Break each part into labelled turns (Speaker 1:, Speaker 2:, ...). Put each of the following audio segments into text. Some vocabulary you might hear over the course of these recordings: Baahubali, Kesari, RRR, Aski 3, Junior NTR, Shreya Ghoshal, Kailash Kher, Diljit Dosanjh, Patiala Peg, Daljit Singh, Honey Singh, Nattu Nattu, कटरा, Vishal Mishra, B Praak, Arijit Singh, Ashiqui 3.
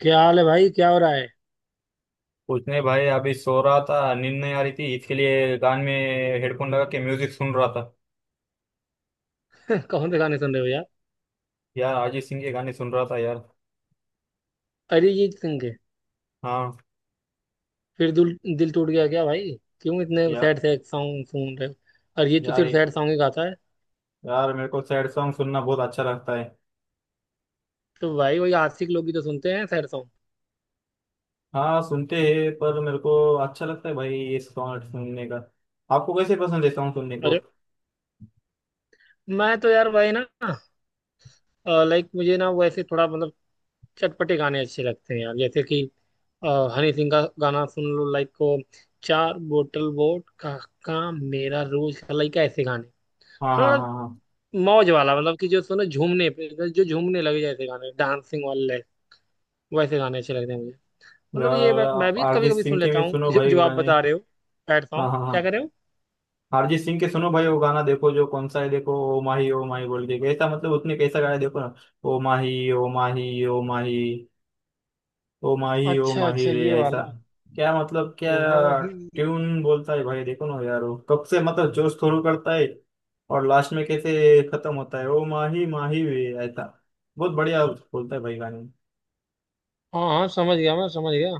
Speaker 1: क्या हाल है भाई? क्या हो रहा है?
Speaker 2: कुछ नहीं भाई, अभी सो रहा था। नींद नहीं आ रही थी, इसके लिए कान में हेडफोन लगा के म्यूजिक सुन रहा था।
Speaker 1: कौन से गाने सुन रहे हो यार?
Speaker 2: यार अरिजीत सिंह के गाने सुन रहा था यार।
Speaker 1: अरिजीत सिंह के।
Speaker 2: हाँ।
Speaker 1: फिर दिल दिल टूट गया क्या भाई? क्यों इतने
Speaker 2: यार
Speaker 1: सैड सैड सॉन्ग सुन रहे हो? और ये तो
Speaker 2: यार
Speaker 1: सिर्फ सैड सॉन्ग ही गाता है।
Speaker 2: यार मेरे को सैड सॉन्ग सुनना बहुत अच्छा लगता है।
Speaker 1: तो भाई वही आशिक लोग ही तो सुनते हैं सैड सॉन्ग।
Speaker 2: हाँ सुनते हैं, पर मेरे को अच्छा लगता है भाई ये सॉन्ग सुनने का। आपको कैसे पसंद है सॉन्ग सुनने को?
Speaker 1: अरे, मैं तो यार भाई ना, लाइक मुझे ना वैसे थोड़ा मतलब चटपटे गाने अच्छे लगते हैं यार, जैसे कि अ, हनी सिंह का गाना सुन लो, लाइक को चार बोतल वोट का काम मेरा रोज का, लाइक ऐसे गाने।
Speaker 2: हाँ हाँ
Speaker 1: हाँ,
Speaker 2: हाँ हाँ।
Speaker 1: मौज वाला, मतलब कि जो सुनो झूमने पे, जो झूमने लगे, जैसे गाने डांसिंग वाले, वैसे गाने अच्छे लगते हैं मुझे। मतलब ये
Speaker 2: यार
Speaker 1: मैं
Speaker 2: आप
Speaker 1: भी कभी
Speaker 2: अरिजीत
Speaker 1: कभी
Speaker 2: सिंह
Speaker 1: सुन
Speaker 2: के
Speaker 1: लेता
Speaker 2: भी
Speaker 1: हूँ
Speaker 2: सुनो
Speaker 1: जो
Speaker 2: भाई
Speaker 1: आप
Speaker 2: गाने।
Speaker 1: बता रहे हो। सैड
Speaker 2: हाँ
Speaker 1: सॉन्ग
Speaker 2: हाँ
Speaker 1: क्या कर
Speaker 2: हाँ।
Speaker 1: रहे हो?
Speaker 2: अरिजीत सिंह के सुनो भाई, वो गाना देखो जो कौन सा है, देखो, ओ माही बोल के, कैसा मतलब उसने कैसा गाया देखो ना। ओ माही ओ माही ओ माही, ओ माही ओ
Speaker 1: अच्छा
Speaker 2: माही
Speaker 1: अच्छा,
Speaker 2: रे,
Speaker 1: ये
Speaker 2: ऐसा
Speaker 1: वाला
Speaker 2: क्या मतलब क्या
Speaker 1: घुमा ही।
Speaker 2: ट्यून बोलता है भाई। देखो ना यार, वो कब से मतलब जोश शुरू करता है, और लास्ट में कैसे खत्म होता है। ओ माही माही रे, ऐसा बहुत बढ़िया बोलता है भाई गाने।
Speaker 1: हाँ हाँ, समझ गया, मैं समझ गया।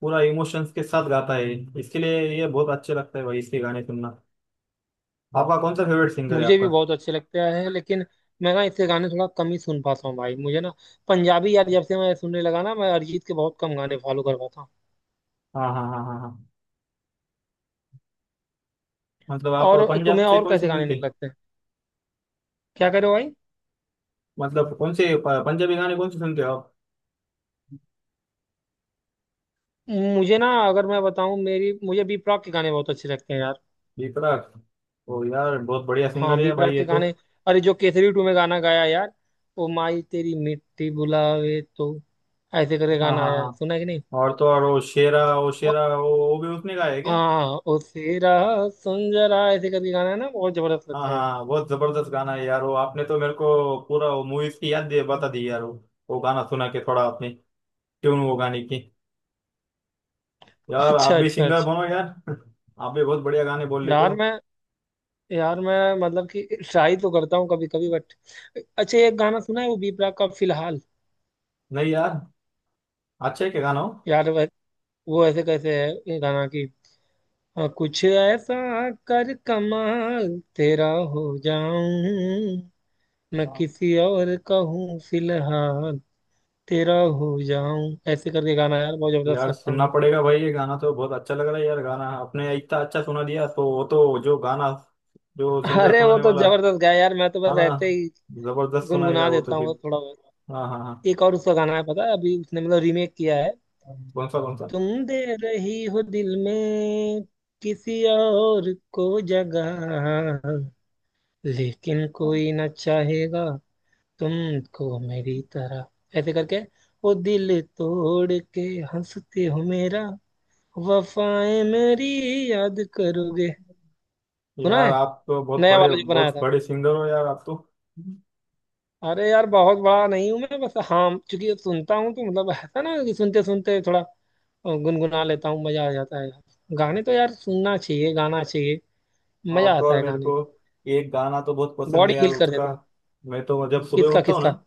Speaker 2: पूरा इमोशंस के साथ गाता है। इसके लिए ये बहुत अच्छे लगता है भाई, इसके गाने सुनना। आपका कौन सा फेवरेट सिंगर है
Speaker 1: मुझे भी
Speaker 2: आपका?
Speaker 1: बहुत अच्छे लगते हैं, लेकिन मैं ना इससे गाने थोड़ा कम ही सुन पाता हूँ भाई। मुझे ना पंजाबी यार जब से मैं सुनने लगा ना, मैं अरिजीत के बहुत कम गाने फॉलो कर पाता हूँ।
Speaker 2: हाँ हाँ हाँ हाँ हाँ। मतलब आप
Speaker 1: और
Speaker 2: पंजाब
Speaker 1: तुम्हें
Speaker 2: से
Speaker 1: और
Speaker 2: कौन से
Speaker 1: कैसे गाने
Speaker 2: सुनते,
Speaker 1: निकलते हैं? क्या करे भाई।
Speaker 2: मतलब कौन से पंजाबी गाने कौन से सुनते हो आप?
Speaker 1: मुझे ना, अगर मैं बताऊं, मेरी, मुझे बी प्राक के गाने बहुत अच्छे लगते हैं यार।
Speaker 2: विपराग। ओ यार, बहुत बढ़िया सिंगर
Speaker 1: हाँ, बी
Speaker 2: है भाई
Speaker 1: प्राक
Speaker 2: ये
Speaker 1: के
Speaker 2: तो।
Speaker 1: गाने। अरे, जो केसरी टू में गाना गाया यार, ओ माई तेरी मिट्टी बुलावे तो, ऐसे करके
Speaker 2: हाँ
Speaker 1: गाना
Speaker 2: हाँ
Speaker 1: आया है,
Speaker 2: हाँ।
Speaker 1: सुना है कि नहीं?
Speaker 2: और तो और वो शेरा, वो
Speaker 1: अ-
Speaker 2: शेरा, वो भी उसने गाया है क्या?
Speaker 1: हाँ, ओ सेरा, सुन जरा, ऐसे करके गाना है ना, बहुत जबरदस्त
Speaker 2: हाँ
Speaker 1: लगता है
Speaker 2: हाँ
Speaker 1: मुझे।
Speaker 2: हाँ, बहुत जबरदस्त गाना है यार वो। आपने तो मेरे को पूरा वो मूवीज की याद दे बता दी यार वो गाना सुना के थोड़ा आपने, ट्यून वो गाने की। यार आप
Speaker 1: अच्छा
Speaker 2: भी
Speaker 1: अच्छा
Speaker 2: सिंगर
Speaker 1: अच्छा।
Speaker 2: बनो यार। आप भी बहुत बढ़िया गाने बोल लेते
Speaker 1: यार
Speaker 2: हो।
Speaker 1: मैं यार मैं मतलब कि ट्राई तो करता हूँ कभी कभी, बट अच्छा, एक गाना सुना है वो बी प्राक का फिलहाल।
Speaker 2: नहीं यार, अच्छा है क्या गाना?
Speaker 1: यार वो ऐसे कैसे है ये गाना की, हाँ कुछ ऐसा, कर कमाल तेरा, हो जाऊं, मैं
Speaker 2: हो
Speaker 1: किसी और का हूँ फिलहाल, तेरा हो जाऊं, ऐसे करके गाना यार बहुत जबरदस्त
Speaker 2: यार,
Speaker 1: लगता है
Speaker 2: सुनना
Speaker 1: मुझे।
Speaker 2: पड़ेगा भाई ये गाना, तो बहुत अच्छा लग रहा है यार गाना, आपने इतना अच्छा सुना दिया, तो वो तो जो गाना, जो सिंगर
Speaker 1: अरे वो
Speaker 2: सुनाने
Speaker 1: तो
Speaker 2: वाला।
Speaker 1: जबरदस्त गाया यार, मैं तो
Speaker 2: हाँ
Speaker 1: बस
Speaker 2: ना,
Speaker 1: ऐसे ही
Speaker 2: जबरदस्त सुनाएगा
Speaker 1: गुनगुना
Speaker 2: वो तो
Speaker 1: देता हूँ
Speaker 2: फिर।
Speaker 1: थोड़ा बहुत।
Speaker 2: हाँ हाँ हाँ।
Speaker 1: एक और उसका गाना है, पता है, अभी उसने मतलब रीमेक किया है।
Speaker 2: कौन सा कौन सा?
Speaker 1: तुम दे रही हो दिल में किसी और को जगह, लेकिन कोई न चाहेगा तुमको मेरी तरह, ऐसे करके, वो दिल तोड़ के हंसते हो मेरा, वफाएं मेरी याद करोगे, सुना
Speaker 2: यार
Speaker 1: है,
Speaker 2: आप तो
Speaker 1: नया वाला जो बनाया
Speaker 2: बहुत
Speaker 1: था।
Speaker 2: बड़े सिंगर हो यार आप
Speaker 1: अरे यार बहुत बड़ा नहीं हूँ मैं, बस हाँ चूंकि सुनता हूँ तो, मतलब ऐसा ना कि सुनते सुनते थोड़ा गुनगुना
Speaker 2: तो।
Speaker 1: लेता हूँ, मजा आ जाता है यार। गाने तो यार सुनना चाहिए, गाना चाहिए, मजा
Speaker 2: और तो
Speaker 1: आता
Speaker 2: और
Speaker 1: है
Speaker 2: मेरे
Speaker 1: गाने
Speaker 2: को
Speaker 1: से,
Speaker 2: एक गाना तो बहुत पसंद
Speaker 1: बॉडी
Speaker 2: है यार
Speaker 1: हील कर
Speaker 2: उसका।
Speaker 1: देता है।
Speaker 2: मैं तो जब सुबह
Speaker 1: किसका
Speaker 2: उठता हूँ
Speaker 1: किसका?
Speaker 2: ना,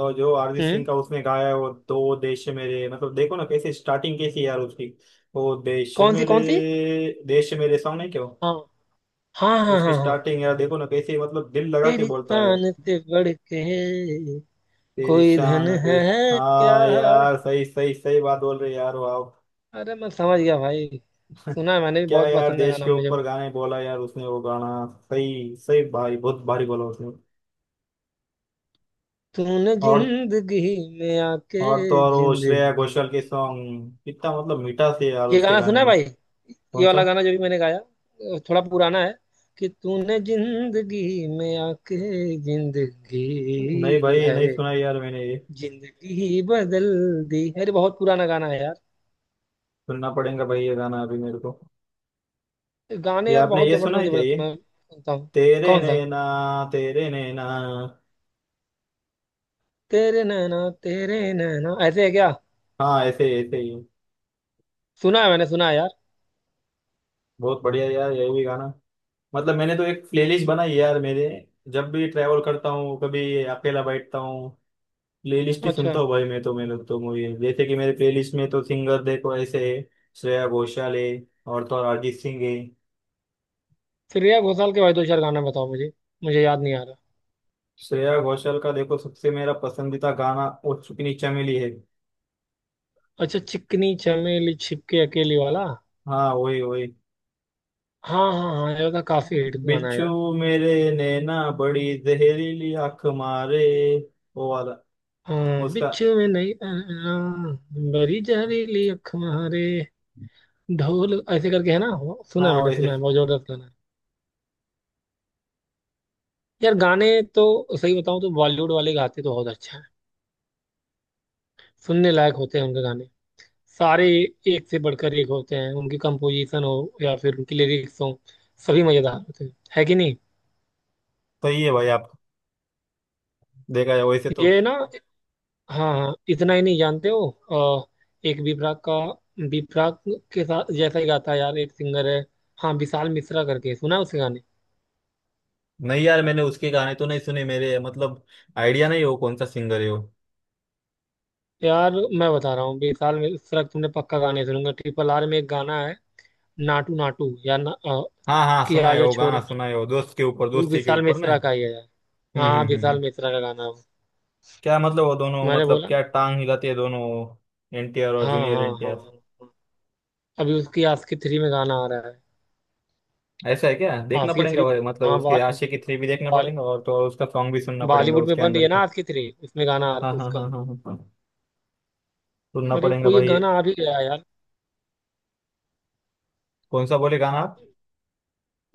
Speaker 2: और जो अरिजीत सिंह
Speaker 1: हम्म।
Speaker 2: का उसने गाया है, वो दो देश मेरे, मतलब देखो ना कैसे स्टार्टिंग कैसी है यार उसकी। वो देश
Speaker 1: कौन सी
Speaker 2: मेरे,
Speaker 1: कौन सी?
Speaker 2: देश मेरे सॉन्ग है क्यों।
Speaker 1: हाँ हाँ हाँ
Speaker 2: उसकी
Speaker 1: हाँ हाँ।
Speaker 2: स्टार्टिंग यार देखो ना, कैसे मतलब दिल लगा के
Speaker 1: तेरी
Speaker 2: बोलता है।
Speaker 1: तान से बढ़ के
Speaker 2: तेरी
Speaker 1: कोई धन
Speaker 2: शान पे।
Speaker 1: है क्या।
Speaker 2: हाँ यार, सही सही सही बात बोल रहे यार, वाह।
Speaker 1: अरे मैं समझ गया भाई। सुना है मैंने भी,
Speaker 2: क्या
Speaker 1: बहुत
Speaker 2: यार,
Speaker 1: पसंद है
Speaker 2: देश
Speaker 1: गाना
Speaker 2: के
Speaker 1: मुझे
Speaker 2: ऊपर
Speaker 1: वो।
Speaker 2: गाने बोला यार उसने वो गाना। सही सही, भारी बहुत भारी बोला उसने।
Speaker 1: तूने
Speaker 2: और
Speaker 1: जिंदगी में आके,
Speaker 2: और तो और वो श्रेया
Speaker 1: जिंदगी,
Speaker 2: घोषाल के सॉन्ग कितना मतलब मीठा से यार
Speaker 1: ये
Speaker 2: उसके
Speaker 1: गाना
Speaker 2: गाने
Speaker 1: सुना है
Speaker 2: में।
Speaker 1: भाई? ये
Speaker 2: कौन सा?
Speaker 1: वाला गाना जो भी मैंने गाया, थोड़ा पुराना है, कि तूने जिंदगी में आके, जिंदगी
Speaker 2: नहीं भाई, नहीं
Speaker 1: है,
Speaker 2: सुना यार मैंने ये।
Speaker 1: जिंदगी ही बदल दी, अरे बहुत पुराना गाना है यार।
Speaker 2: सुनना पड़ेगा भाई ये गाना अभी मेरे को।
Speaker 1: गाने
Speaker 2: ये
Speaker 1: यार
Speaker 2: आपने
Speaker 1: बहुत
Speaker 2: ये सुना
Speaker 1: जबरदस्त
Speaker 2: है क्या
Speaker 1: जबरदस्त,
Speaker 2: ये?
Speaker 1: मैं सुनता हूँ।
Speaker 2: तेरे
Speaker 1: कौन सा?
Speaker 2: नैना, तेरे नैना।
Speaker 1: तेरे नैना, तेरे नैना, ऐसे है क्या?
Speaker 2: हाँ ऐसे ही ऐसे ही।
Speaker 1: सुना है, मैंने सुना है यार।
Speaker 2: बहुत बढ़िया यार ये भी गाना। मतलब मैंने तो एक प्लेलिस्ट बनाई है यार मेरे। जब भी ट्रैवल करता हूँ कभी अकेला बैठता हूँ, प्लेलिस्ट ही
Speaker 1: अच्छा,
Speaker 2: सुनता हूँ भाई मैं तो। मेरे तो मूवी जैसे कि मेरे प्लेलिस्ट में तो सिंगर देखो ऐसे है। श्रेया घोषाल है, और तो और अरिजीत सिंह है।
Speaker 1: श्रेया घोषाल के भाई दो चार गाना बताओ मुझे, मुझे याद नहीं आ रहा।
Speaker 2: श्रेया घोषाल का देखो सबसे मेरा पसंदीदा गाना, ओ चुप नीचा मिली है।
Speaker 1: अच्छा, चिकनी चमेली छिपके अकेली वाला।
Speaker 2: हाँ वही वही।
Speaker 1: हाँ हाँ हाँ, ये तो काफी हिट गाना है
Speaker 2: बिच्छू
Speaker 1: यार।
Speaker 2: मेरे, नैना बड़ी जहरीली आंख मारे, वो वाला,
Speaker 1: हाँ
Speaker 2: उसका।
Speaker 1: बिच्छू में नहीं बड़ी जहरीली अख मारे, ढोल, ऐसे करके है ना, वो सुना है,
Speaker 2: हाँ
Speaker 1: मैंने सुना
Speaker 2: वैसे।
Speaker 1: है, बहुत जबरदस्त गाना है यार। गाने तो, सही बताऊं तो बॉलीवुड वाले गाते तो बहुत अच्छा है, सुनने लायक होते हैं उनके गाने सारे, एक से बढ़कर एक होते हैं, उनकी कंपोजिशन हो या फिर उनकी लिरिक्स हो, सभी मजेदार होते हैं, है कि नहीं?
Speaker 2: सही है भाई आप, देखा है वैसे तो।
Speaker 1: ये ना, हाँ हाँ, इतना ही नहीं जानते हो, अ, एक विपरा का, विपरा के साथ जैसा ही गाता है यार एक सिंगर है। हाँ विशाल मिश्रा करके, सुना है उसके गाने?
Speaker 2: नहीं यार, मैंने उसके गाने तो नहीं सुने मेरे, मतलब आइडिया नहीं हो कौन सा सिंगर है वो।
Speaker 1: यार मैं बता रहा हूँ विशाल मिश्रा के तुमने पक्का गाने सुनूंगा, ट्रिपल आर में एक गाना है नाटू नाटू या
Speaker 2: हाँ हाँ
Speaker 1: कि
Speaker 2: सुना है
Speaker 1: आजा
Speaker 2: वो
Speaker 1: छोरे,
Speaker 2: गाना, सुना है वो दोस्त के ऊपर
Speaker 1: वो
Speaker 2: दोस्ती के
Speaker 1: विशाल
Speaker 2: ऊपर ने।
Speaker 1: मिश्रा का ही है यार।
Speaker 2: हम्म
Speaker 1: हाँ
Speaker 2: हम्म हम्म हम्म।
Speaker 1: विशाल मिश्रा का गाना है वो।
Speaker 2: क्या मतलब वो दोनों
Speaker 1: मैंने
Speaker 2: मतलब
Speaker 1: बोला
Speaker 2: क्या
Speaker 1: ना,
Speaker 2: टांग हिलाते हैं दोनों, एनटीआर और
Speaker 1: हाँ
Speaker 2: जूनियर
Speaker 1: हाँ हाँ
Speaker 2: एनटीआर?
Speaker 1: हाँ। अभी उसकी आस्की थ्री में गाना आ रहा है।
Speaker 2: ऐसा है क्या? देखना
Speaker 1: आस्की
Speaker 2: पड़ेगा
Speaker 1: थ्री,
Speaker 2: भाई, मतलब
Speaker 1: हाँ
Speaker 2: उसके
Speaker 1: बा,
Speaker 2: आशिकी 3 भी देखना
Speaker 1: बा,
Speaker 2: पड़ेगा, और तो और उसका सॉन्ग भी सुनना पड़ेगा
Speaker 1: बॉलीवुड में
Speaker 2: उसके
Speaker 1: बन रही
Speaker 2: अंदर
Speaker 1: है ना
Speaker 2: का।
Speaker 1: आस्की थ्री, उसमें गाना आ रहा
Speaker 2: हाँ
Speaker 1: है
Speaker 2: हाँ हाँ
Speaker 1: उसका।
Speaker 2: हाँ हाँ हाँ। सुनना
Speaker 1: अरे
Speaker 2: पड़ेगा
Speaker 1: कोई एक
Speaker 2: भाई।
Speaker 1: गाना आ भी गया यार
Speaker 2: कौन सा बोले गाना आप?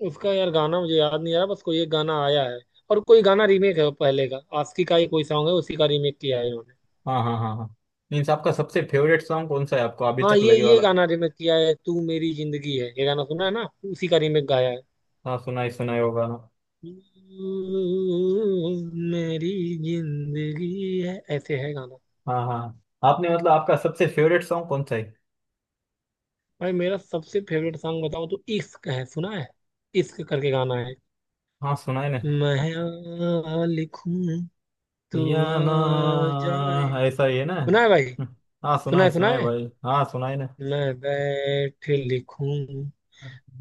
Speaker 1: उसका, यार गाना मुझे याद नहीं आ रहा, बस कोई एक गाना आया है, और कोई गाना रीमेक है वो, पहले का आस्की का ही कोई सॉन्ग है, उसी का रीमेक किया है इन्होंने।
Speaker 2: हाँ हाँ हाँ हाँ। मीन्स आपका सबसे फेवरेट सॉन्ग कौन सा है आपको अभी
Speaker 1: हाँ,
Speaker 2: तक
Speaker 1: ये
Speaker 2: लगे
Speaker 1: ये
Speaker 2: वाला?
Speaker 1: गाना रीमेक किया है, तू मेरी जिंदगी है, ये गाना सुना है ना, उसी का रीमेक गाया है।
Speaker 2: हाँ सुना ही होगा ना।
Speaker 1: तू मेरी जिंदगी है, ऐसे है गाना।
Speaker 2: हाँ हाँ। आपने मतलब आपका सबसे फेवरेट सॉन्ग कौन सा है?
Speaker 1: भाई मेरा सबसे फेवरेट सॉन्ग बताओ तो, इश्क है सुना है, इश्क करके गाना है,
Speaker 2: हाँ सुना है ना।
Speaker 1: मैं आ लिखूं तू
Speaker 2: या
Speaker 1: आ
Speaker 2: ना
Speaker 1: जाए,
Speaker 2: ऐसा ही है ना।
Speaker 1: सुना है भाई,
Speaker 2: हाँ
Speaker 1: सुना है सुना
Speaker 2: सुना है
Speaker 1: है,
Speaker 2: भाई, हाँ सुना है ना।
Speaker 1: मैं बैठ लिखूं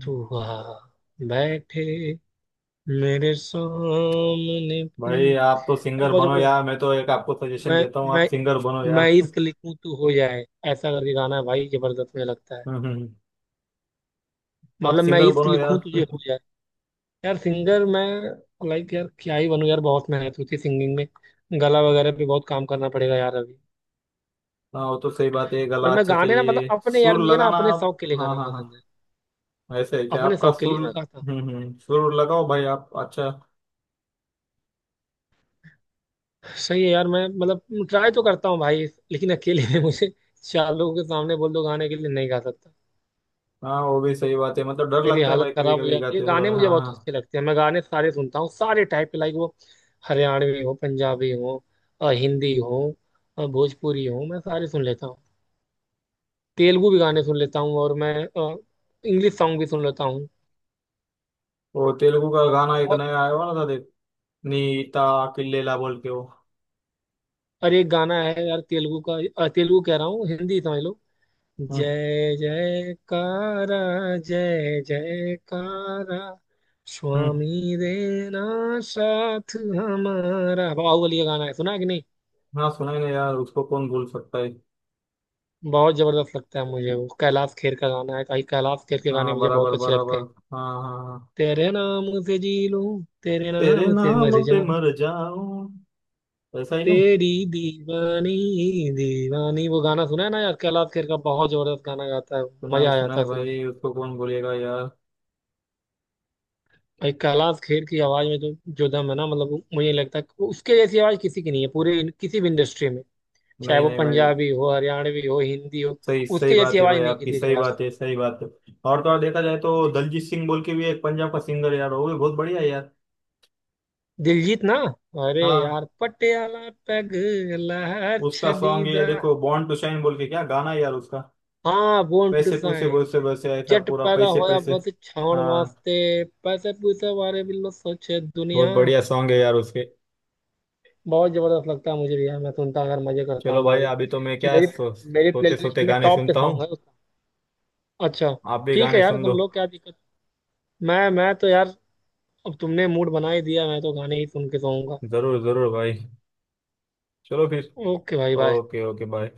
Speaker 1: तू आ बैठे मेरे सामने पे
Speaker 2: भाई आप तो
Speaker 1: यार,
Speaker 2: सिंगर
Speaker 1: बहुत
Speaker 2: बनो
Speaker 1: जबरदस्त।
Speaker 2: यार, मैं तो एक आपको सजेशन
Speaker 1: मैं
Speaker 2: देता हूँ, आप
Speaker 1: मैं
Speaker 2: सिंगर बनो
Speaker 1: मैं
Speaker 2: यार।
Speaker 1: इश्क लिखूं तू हो जाए, ऐसा करके गाना है भाई, जबरदस्त मुझे लगता है,
Speaker 2: हम्म हम्म। आप
Speaker 1: मतलब मैं
Speaker 2: सिंगर
Speaker 1: इश्क
Speaker 2: बनो
Speaker 1: लिखूं तुझे
Speaker 2: यार।
Speaker 1: हो जाए। यार सिंगर मैं लाइक यार क्या ही बनूं यार, बहुत मेहनत होती है सिंगिंग में, गला वगैरह पे बहुत काम करना पड़ेगा यार अभी।
Speaker 2: हाँ वो तो सही बात है, गला
Speaker 1: पर मैं
Speaker 2: अच्छा
Speaker 1: गाने ना मतलब
Speaker 2: चाहिए,
Speaker 1: अपने, यार
Speaker 2: सुर
Speaker 1: मुझे ना
Speaker 2: लगाना
Speaker 1: अपने
Speaker 2: आप।
Speaker 1: शौक के लिए
Speaker 2: हाँ
Speaker 1: गाना
Speaker 2: हाँ
Speaker 1: पसंद
Speaker 2: हाँ।
Speaker 1: है,
Speaker 2: ऐसे है क्या
Speaker 1: अपने
Speaker 2: आपका
Speaker 1: शौक के
Speaker 2: सुर?
Speaker 1: लिए मैं गाता हूँ।
Speaker 2: हम्म, सुर लगाओ भाई आप अच्छा।
Speaker 1: सही है यार, मैं मतलब ट्राई तो करता हूँ भाई, लेकिन अकेले में मुझे, चार लोगों के सामने बोल दो गाने के लिए नहीं गा सकता,
Speaker 2: हाँ वो भी सही बात है, मतलब डर
Speaker 1: मेरी
Speaker 2: लगता है
Speaker 1: हालत
Speaker 2: भाई कभी
Speaker 1: खराब हो
Speaker 2: कभी
Speaker 1: जाती है।
Speaker 2: गाते
Speaker 1: गाने
Speaker 2: समय।
Speaker 1: मुझे
Speaker 2: हाँ
Speaker 1: बहुत
Speaker 2: हाँ।
Speaker 1: अच्छे लगते हैं, मैं गाने सारे सुनता हूँ, सारे टाइप के, लाइक वो, हरियाणवी हो, पंजाबी हो, हिंदी हो, भोजपुरी हो, मैं सारे सुन लेता हूँ, तेलुगु भी गाने सुन लेता हूँ और मैं इंग्लिश सॉन्ग भी सुन लेता हूँ।
Speaker 2: वो तेलुगु का गाना एक
Speaker 1: बहुत।
Speaker 2: नया आया हुआ ना था देख, नीता किल्लेला बोल के वो।
Speaker 1: और एक गाना है यार तेलुगु का, तेलुगु कह रहा हूँ हिंदी समझ लो,
Speaker 2: हम्म
Speaker 1: जय जयकारा, जय जयकारा,
Speaker 2: हम्म।
Speaker 1: स्वामी देना साथ हमारा, बाहुबली का गाना है, सुना है कि नहीं?
Speaker 2: हाँ सुना ही नहीं यार, उसको कौन भूल सकता है।
Speaker 1: बहुत जबरदस्त लगता है मुझे वो, कैलाश खेर का गाना है कहीं, कैलाश खेर के गाने
Speaker 2: हाँ
Speaker 1: मुझे बहुत
Speaker 2: बराबर
Speaker 1: अच्छे लगते
Speaker 2: बराबर।
Speaker 1: हैं।
Speaker 2: हाँ हाँ हाँ।
Speaker 1: तेरे नाम से जी लूं, तेरे
Speaker 2: तेरे
Speaker 1: नाम से
Speaker 2: नाम
Speaker 1: मर
Speaker 2: पे
Speaker 1: जाऊं,
Speaker 2: मर जाऊं, ऐसा ही ना।
Speaker 1: तेरी दीवानी दीवानी, वो गाना सुना है ना यार, कैलाश खेर का, बहुत जबरदस्त गाना गाता है,
Speaker 2: सुनाई
Speaker 1: मजा आ जाता
Speaker 2: सुनाई
Speaker 1: है सुन के।
Speaker 2: भाई, उसको कौन बोलेगा यार।
Speaker 1: भाई कैलाश खेर की आवाज में तो जो दम है ना, मतलब मुझे लगता है कि उसके जैसी आवाज किसी की नहीं है पूरे किसी भी इंडस्ट्री में, चाहे
Speaker 2: नहीं
Speaker 1: वो
Speaker 2: नहीं भाई,
Speaker 1: पंजाबी हो हरियाणवी हो हिंदी हो,
Speaker 2: सही सही
Speaker 1: उसके जैसी
Speaker 2: बात है
Speaker 1: आवाज
Speaker 2: भाई,
Speaker 1: नहीं
Speaker 2: आपकी
Speaker 1: किसी के
Speaker 2: सही बात
Speaker 1: पास।
Speaker 2: है, सही बात है। और तो और देखा जाए तो दलजीत सिंह बोल के भी एक पंजाब का सिंगर यार, वो भी बहुत बढ़िया है यार।
Speaker 1: दिलजीत ना, अरे
Speaker 2: हाँ।
Speaker 1: यार पटियाला पैग, लहर
Speaker 2: उसका
Speaker 1: छड़ी
Speaker 2: सॉन्ग ये
Speaker 1: दा,
Speaker 2: देखो, बॉर्न टू शाइन बोल के, क्या गाना है यार उसका।
Speaker 1: हाँ बोन टू
Speaker 2: पैसे पूसे
Speaker 1: साइन,
Speaker 2: बोसे वैसे, ऐसा
Speaker 1: जट
Speaker 2: पूरा
Speaker 1: पैदा
Speaker 2: पैसे
Speaker 1: होया
Speaker 2: पैसे।
Speaker 1: बस छाउण
Speaker 2: हाँ।
Speaker 1: वास्ते, पैसे पूसे बारे भी लो सोचे दुनिया,
Speaker 2: बहुत बढ़िया सॉन्ग है यार उसके।
Speaker 1: बहुत जबरदस्त लगता है मुझे भी यार, मैं सुनता, अगर मजे करता
Speaker 2: चलो
Speaker 1: हूँ मैं
Speaker 2: भाई,
Speaker 1: भी।
Speaker 2: अभी तो मैं क्या,
Speaker 1: मेरी मेरी
Speaker 2: सोते
Speaker 1: प्लेलिस्ट
Speaker 2: सोते
Speaker 1: में
Speaker 2: गाने
Speaker 1: टॉप पे
Speaker 2: सुनता
Speaker 1: सॉन्ग है।
Speaker 2: हूँ।
Speaker 1: अच्छा।
Speaker 2: आप भी
Speaker 1: ठीक है
Speaker 2: गाने
Speaker 1: यार
Speaker 2: सुन
Speaker 1: तुम
Speaker 2: लो।
Speaker 1: लोग क्या दिक्कत। मैं तो यार, अब तुमने मूड बना ही दिया, मैं तो गाने ही सुन के सोऊंगा।
Speaker 2: जरूर जरूर भाई। चलो फिर।
Speaker 1: ओके भाई बाय।
Speaker 2: Okay okay bye.